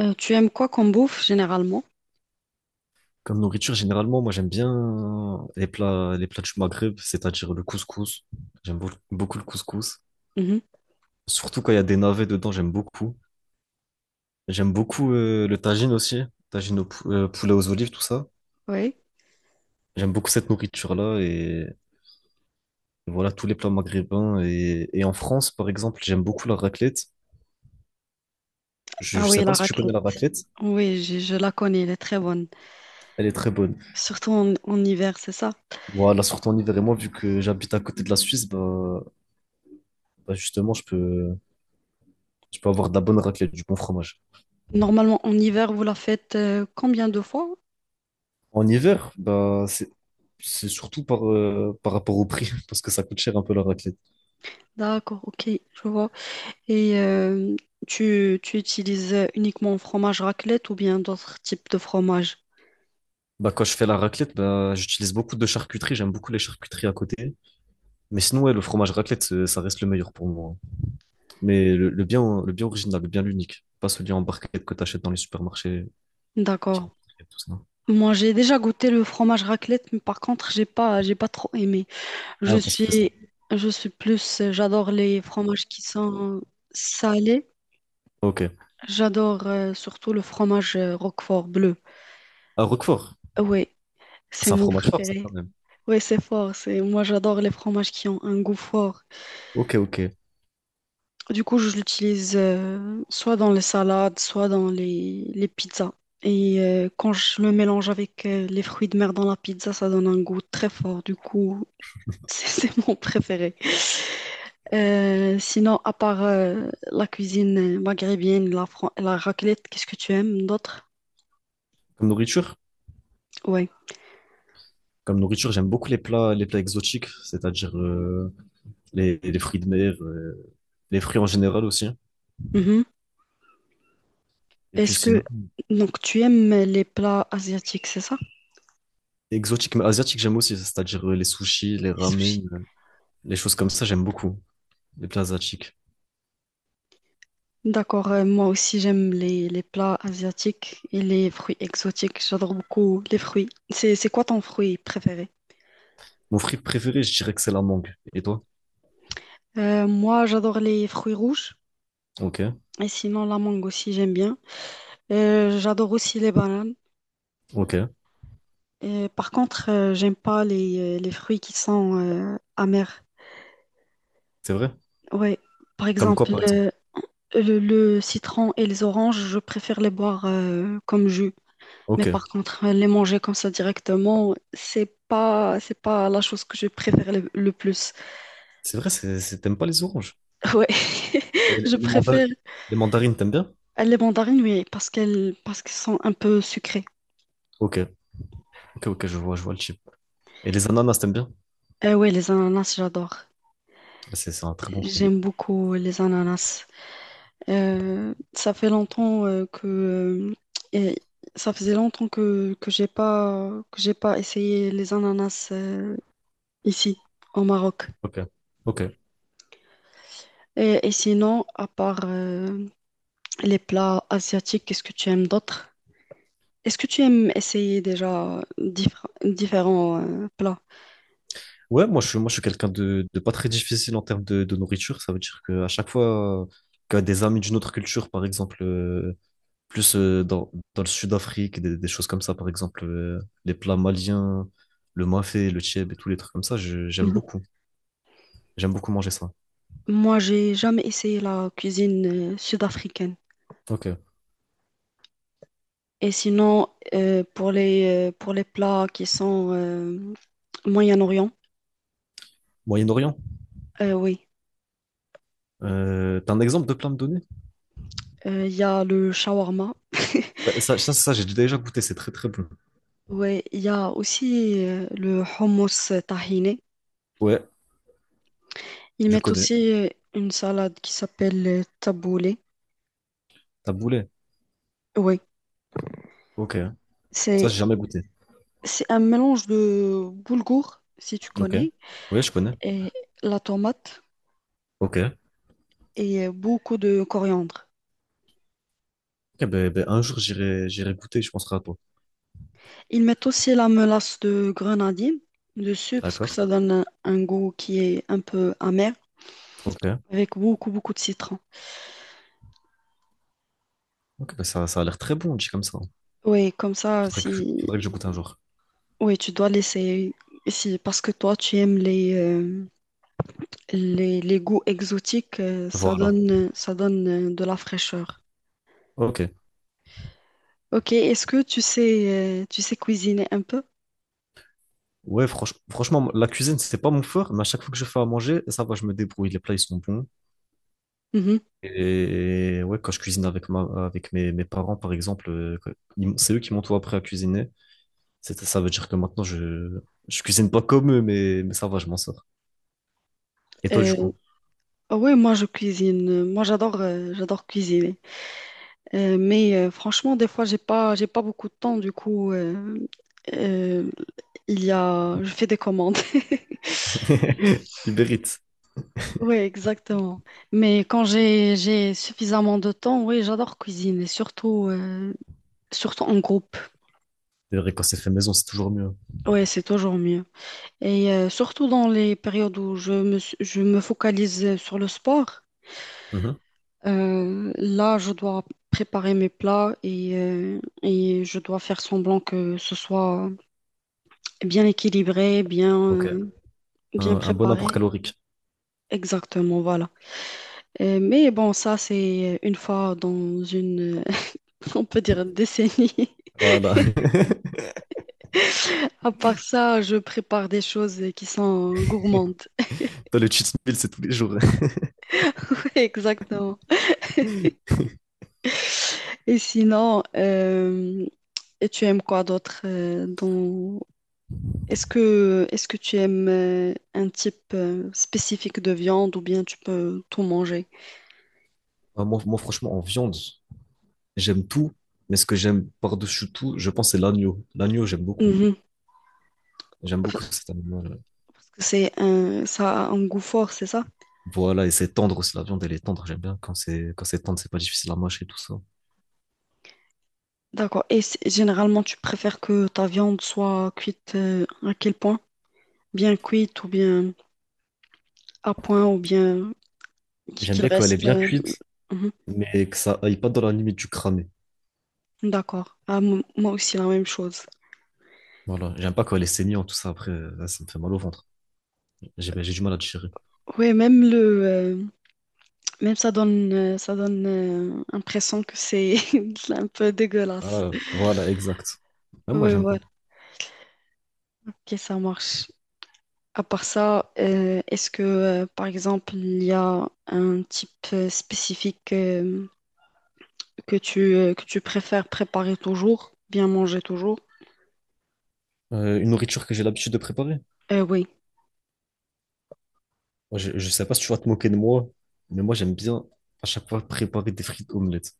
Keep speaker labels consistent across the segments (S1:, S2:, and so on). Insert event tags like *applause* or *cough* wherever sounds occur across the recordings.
S1: Tu aimes quoi comme bouffe généralement?
S2: Comme nourriture, généralement, moi j'aime bien les plats du Maghreb, c'est-à-dire le couscous. Beaucoup le couscous.
S1: Mhm.
S2: Surtout quand il y a des navets dedans, j'aime beaucoup. J'aime beaucoup le tagine aussi, tagine au poulet aux olives, tout ça.
S1: Oui.
S2: J'aime beaucoup cette nourriture-là et voilà tous les plats maghrébins. Et en France, par exemple, j'aime beaucoup la raclette. Je,
S1: Ah
S2: je
S1: oui,
S2: sais pas
S1: la
S2: si tu connais
S1: raclette.
S2: la raclette,
S1: Oui, je la connais, elle est très bonne.
S2: elle est très bonne.
S1: Surtout en hiver, c'est ça.
S2: Voilà, surtout en hiver et moi, vu que j'habite à côté de la Suisse, bah, bah justement, je peux avoir de la bonne raclette, du bon fromage.
S1: Normalement, en hiver, vous la faites combien de fois?
S2: En hiver, bah, c'est surtout par, par rapport au prix, *laughs* parce que ça coûte cher un peu la raclette.
S1: D'accord, ok, je vois. Et tu utilises uniquement fromage raclette ou bien d'autres types de fromage?
S2: Bah, quand je fais la raclette, bah, j'utilise beaucoup de charcuterie, j'aime beaucoup les charcuteries à côté. Mais sinon, ouais, le fromage raclette, c'est- ça reste le meilleur pour moi. Mais le bien, le bien original, le bien l'unique, pas celui en barquette que t'achètes dans les supermarchés. Qui a
S1: D'accord.
S2: et tout ça.
S1: Moi, j'ai déjà goûté le fromage raclette, mais par contre, j'ai pas trop aimé. Je
S2: Ah, parce que ça.
S1: suis, je suis plus, j'adore les fromages qui sont salés.
S2: Ok.
S1: J'adore surtout le fromage Roquefort bleu.
S2: À Roquefort,
S1: Oui, c'est
S2: c'est un
S1: mon
S2: fromage fort, ça,
S1: préféré.
S2: quand même.
S1: Oui, c'est fort. C'est moi, j'adore les fromages qui ont un goût fort.
S2: Ok, ok.
S1: Du coup, je l'utilise soit dans les salades, soit dans les pizzas. Et quand je le mélange avec les fruits de mer dans la pizza, ça donne un goût très fort. Du coup, *laughs* c'est mon préféré. Sinon, à part la cuisine maghrébine, la raclette, qu'est-ce que tu aimes d'autre?
S2: Comme nourriture?
S1: Oui.
S2: Comme nourriture, j'aime beaucoup les plats exotiques, c'est-à-dire les fruits de mer, les fruits en général aussi, hein. Et puis
S1: Est-ce que
S2: sinon,
S1: donc tu aimes les plats asiatiques, c'est ça?
S2: exotique, mais asiatique, j'aime aussi, c'est-à-dire les sushis, les
S1: Les sushis.
S2: ramen, les choses comme ça, j'aime beaucoup, les plats asiatiques.
S1: D'accord, moi aussi j'aime les plats asiatiques et les fruits exotiques. J'adore beaucoup les fruits. C'est quoi ton fruit préféré?
S2: Mon fruit préféré, je dirais que c'est la mangue. Et toi?
S1: Moi j'adore les fruits rouges
S2: Ok,
S1: et sinon la mangue aussi j'aime bien. J'adore aussi les bananes.
S2: ok,
S1: Et par contre j'aime pas les fruits qui sont amers.
S2: c'est vrai.
S1: Ouais, par
S2: Comme quoi,
S1: exemple
S2: par exemple?
S1: le citron et les oranges, je préfère les boire comme jus. Mais
S2: Ok,
S1: par contre, les manger comme ça directement, c'est pas la chose que je préfère le plus.
S2: c'est vrai, c'est- t'aimes pas les oranges.
S1: *laughs* Ouais,
S2: Et
S1: *laughs*
S2: les,
S1: je préfère
S2: les mandarines, t'aimes bien?
S1: les mandarines. Oui, parce qu'elles sont un peu sucrées.
S2: Ok, ok, ok, je vois le chip. Et les ananas, t'aimes bien?
S1: Ouais, les ananas, j'adore.
S2: C'est un très bon fruit.
S1: J'aime beaucoup les ananas. Euh, ça fait longtemps euh, que, euh, et Ça faisait longtemps que j'ai pas essayé les ananas ici au Maroc.
S2: Ok, ok.
S1: Et sinon, à part, les plats asiatiques, qu'est-ce que tu aimes d'autres? Est-ce que tu aimes essayer déjà différents plats?
S2: Ouais, moi, je suis quelqu'un de pas très difficile en termes de nourriture. Ça veut dire qu'à chaque fois que des amis d'une autre culture, par exemple, plus dans, dans le Sud-Afrique, des choses comme ça, par exemple, les plats maliens, le mafé, le tchèb et tous les trucs comme ça, je- j'aime
S1: Mhm.
S2: beaucoup. J'aime beaucoup manger ça.
S1: Moi, j'ai jamais essayé la cuisine sud-africaine.
S2: Ok.
S1: Et sinon, pour pour les plats qui sont Moyen-Orient,
S2: Moyen-Orient,
S1: oui,
S2: t'as un exemple de plat à me donner?
S1: il y a le shawarma. *laughs*
S2: Ouais, ça, j'ai déjà goûté, c'est très très bon.
S1: Oui, il y a aussi le hummus tahini.
S2: Ouais,
S1: Ils
S2: je
S1: mettent
S2: connais.
S1: aussi une salade qui s'appelle taboulé.
S2: Taboulé.
S1: Oui,
S2: Ok. Ça,
S1: c'est...
S2: j'ai jamais goûté.
S1: C'est un mélange de boulgour, si tu
S2: Ok.
S1: connais,
S2: Ouais, je connais.
S1: et la tomate
S2: Ok.
S1: et beaucoup de coriandre.
S2: Eh ben, ben, un jour, j'irai, j'irai goûter, je penserai à toi.
S1: Ils mettent aussi la mélasse de grenadine dessus parce que
S2: D'accord?
S1: ça donne un goût qui est un peu amer
S2: Ok.
S1: avec beaucoup, beaucoup de citron.
S2: Ok, ben, ça a l'air très bon, dit comme ça.
S1: Oui, comme ça, si...
S2: Faudrait que je goûte un jour.
S1: Oui, tu dois laisser... Si, parce que toi, tu aimes les goûts exotiques,
S2: Voilà.
S1: ça donne de la fraîcheur.
S2: Ok.
S1: Ok, est-ce que tu sais cuisiner un peu?
S2: Ouais, franchement, la cuisine, c'est pas mon fort, mais à chaque fois que je fais à manger, ça va, je me débrouille. Les plats, ils sont bons.
S1: Mhm.
S2: Et ouais, quand je cuisine avec ma, avec mes, mes parents, par exemple, que- ils m- c'est eux qui m'ont tout appris à cuisiner. C'est- Ça veut dire que maintenant, je cuisine pas comme eux, mais ça va, je m'en sors. Et toi, du
S1: Euh,
S2: coup?
S1: Ah oui, moi je cuisine. Moi j'adore j'adore cuisiner. Mais franchement, des fois j'ai pas beaucoup de temps. Du coup, euh, il y a je fais des commandes. *laughs*
S2: *laughs* Il mérite.
S1: Oui, exactement. Mais quand j'ai suffisamment de temps, oui, j'adore cuisiner, surtout en groupe.
S2: C'est vrai, *laughs* quand c'est fait maison, c'est toujours mieux.
S1: Oui, c'est toujours mieux. Et surtout dans les périodes où je me focalise sur le sport.
S2: Mhm.
S1: Là, je dois préparer mes plats et et je dois faire semblant que ce soit bien équilibré,
S2: Ok.
S1: bien
S2: Un bon apport
S1: préparé.
S2: calorique.
S1: Exactement, voilà. Mais bon, ça, c'est une fois dans une, *laughs* on peut dire, décennie. *laughs*
S2: Voilà. *laughs*
S1: À part ça, je prépare des choses qui sont gourmandes.
S2: Toi, le cheat meal, c'est tous les jours.
S1: *laughs* Exactement.
S2: *laughs*
S1: Et sinon, tu aimes quoi d'autre dans, est-ce que tu aimes un type spécifique de viande ou bien tu peux tout manger?
S2: Ah, moi, moi, franchement, en viande, j'aime tout, mais ce que j'aime par-dessus tout, je pense, c'est l'agneau. L'agneau, j'aime beaucoup.
S1: Mhm.
S2: J'aime
S1: Enfin,
S2: beaucoup cet animal.
S1: parce que c'est un, ça a un goût fort, c'est ça?
S2: Voilà, et c'est tendre aussi. La viande, elle est tendre. J'aime bien quand c'est tendre, c'est pas difficile à mâcher et tout ça.
S1: D'accord. Et généralement, tu préfères que ta viande soit cuite à quel point? Bien cuite ou bien à point ou bien
S2: J'aime
S1: qu'il
S2: bien quand elle est
S1: reste.
S2: bien cuite,
S1: Mhm.
S2: mais que ça aille pas dans la limite du cramé.
S1: D'accord. Ah, moi aussi, la même chose.
S2: Voilà, j'aime pas quand elle est saignante, tout ça. Après, là, ça me fait mal au ventre. J'ai ben, j'ai du mal à digérer.
S1: Oui, euh, même ça donne l'impression que c'est *laughs* un peu dégueulasse.
S2: Voilà, voilà, exact. Même moi,
S1: Oui.
S2: j'aime pas.
S1: Ok, ça marche. À part ça, par exemple, il y a un type spécifique que que tu préfères préparer toujours, bien manger toujours?
S2: Une nourriture que j'ai l'habitude de préparer.
S1: Oui.
S2: Moi, je sais pas si tu vas te moquer de moi, mais moi, j'aime bien à chaque fois préparer des frites omelettes.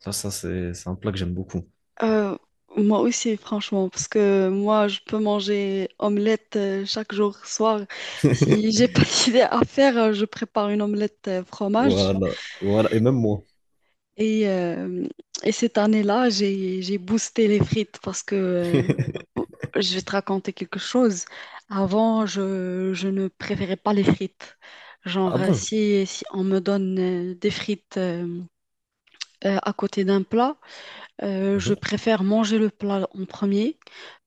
S2: Ça, c'est un plat que j'aime beaucoup.
S1: Euh, moi aussi, franchement, parce que moi, je peux manger omelette chaque jour, soir. Si j'ai
S2: *laughs*
S1: pas *laughs* d'idée à faire, je prépare une omelette fromage.
S2: Voilà, voilà, et même moi.
S1: Et, euh, et cette année-là, j'ai boosté les frites parce que euh,
S2: *laughs*
S1: je vais te raconter quelque chose. Avant, je ne préférais pas les frites. Genre,
S2: Ah bon?
S1: si on me donne des frites à côté d'un plat, je
S2: Mhm,
S1: préfère manger le plat en premier,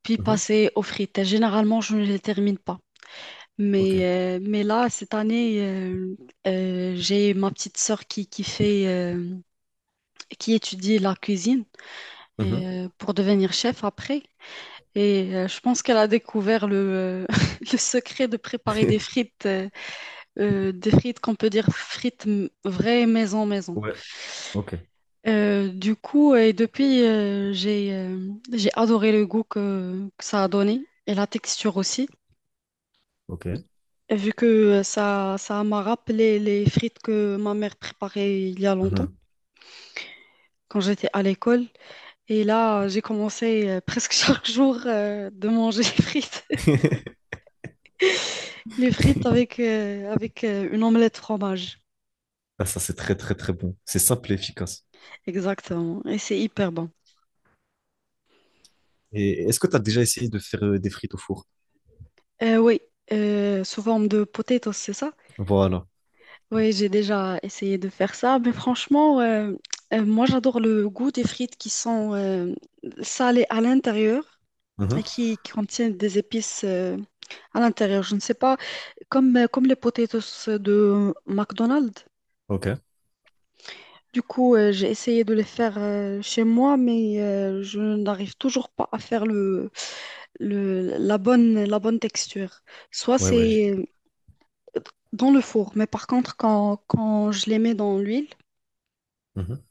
S1: puis
S2: mhm,
S1: passer aux frites. Et généralement, je ne les termine pas.
S2: ok,
S1: Mais là, cette année, j'ai ma petite sœur qui fait, qui étudie la cuisine
S2: mhm.
S1: et pour devenir chef après. Et je pense qu'elle a découvert *laughs* le secret de préparer
S2: *laughs*
S1: des frites qu'on peut dire vraies maison maison.
S2: Ouais, ok,
S1: Du coup, depuis, j'ai adoré le goût que ça a donné et la texture aussi.
S2: ok,
S1: Et vu que ça m'a rappelé les frites que ma mère préparait il y a longtemps,
S2: mhm.
S1: quand j'étais à l'école. Et là, j'ai commencé *laughs* presque chaque jour de manger *laughs* des frites.
S2: *laughs*
S1: Les frites avec, une omelette fromage.
S2: Ah, ça, c'est très, très, très bon. C'est simple et efficace.
S1: Exactement. Et c'est hyper bon.
S2: Et est-ce que tu as déjà essayé de faire des frites au four?
S1: Oui, sous forme de potatoes, c'est ça?
S2: Voilà.
S1: Oui, j'ai déjà essayé de faire ça. Mais franchement, moi, j'adore le goût des frites qui sont salées à l'intérieur et
S2: Mhm,
S1: qui contiennent des épices à l'intérieur. Je ne sais pas, comme les potatoes de McDonald's.
S2: ok.
S1: Du coup, j'ai essayé de les faire chez moi, mais je n'arrive toujours pas à faire la bonne texture. Soit
S2: Ouais, ouais, je-
S1: c'est euh, dans le four, mais par contre, quand je les mets dans l'huile,
S2: mhm,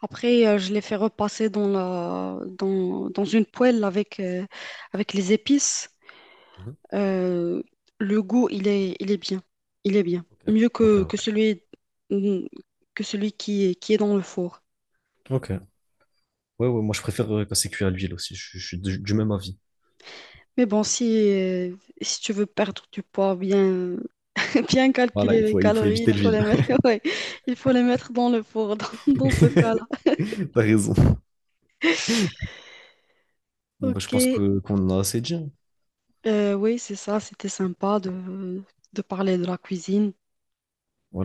S1: après, je les fais repasser dans une poêle avec, avec les épices.
S2: mhm,
S1: Euh, le goût, il est bien. Il est bien.
S2: ok,
S1: Mieux
S2: ok,
S1: que
S2: ok.
S1: celui, mm, que celui qui est dans le four.
S2: Ok. Ouais, ouais, moi je préfère quand c'est cuit à l'huile aussi. Je suis du même avis.
S1: Mais bon, si tu veux perdre du poids, bien
S2: Voilà,
S1: calculer les
S2: il faut
S1: calories, il
S2: éviter
S1: faut
S2: l'huile.
S1: les mettre, *laughs* ouais, il faut les mettre dans le four, *laughs* dans ce
S2: *laughs*
S1: cas-là.
S2: T'as raison. Bon, bah, je
S1: Ok,
S2: pense que qu'on en a assez dit, hein.
S1: oui, c'est ça, c'était sympa de parler de la cuisine.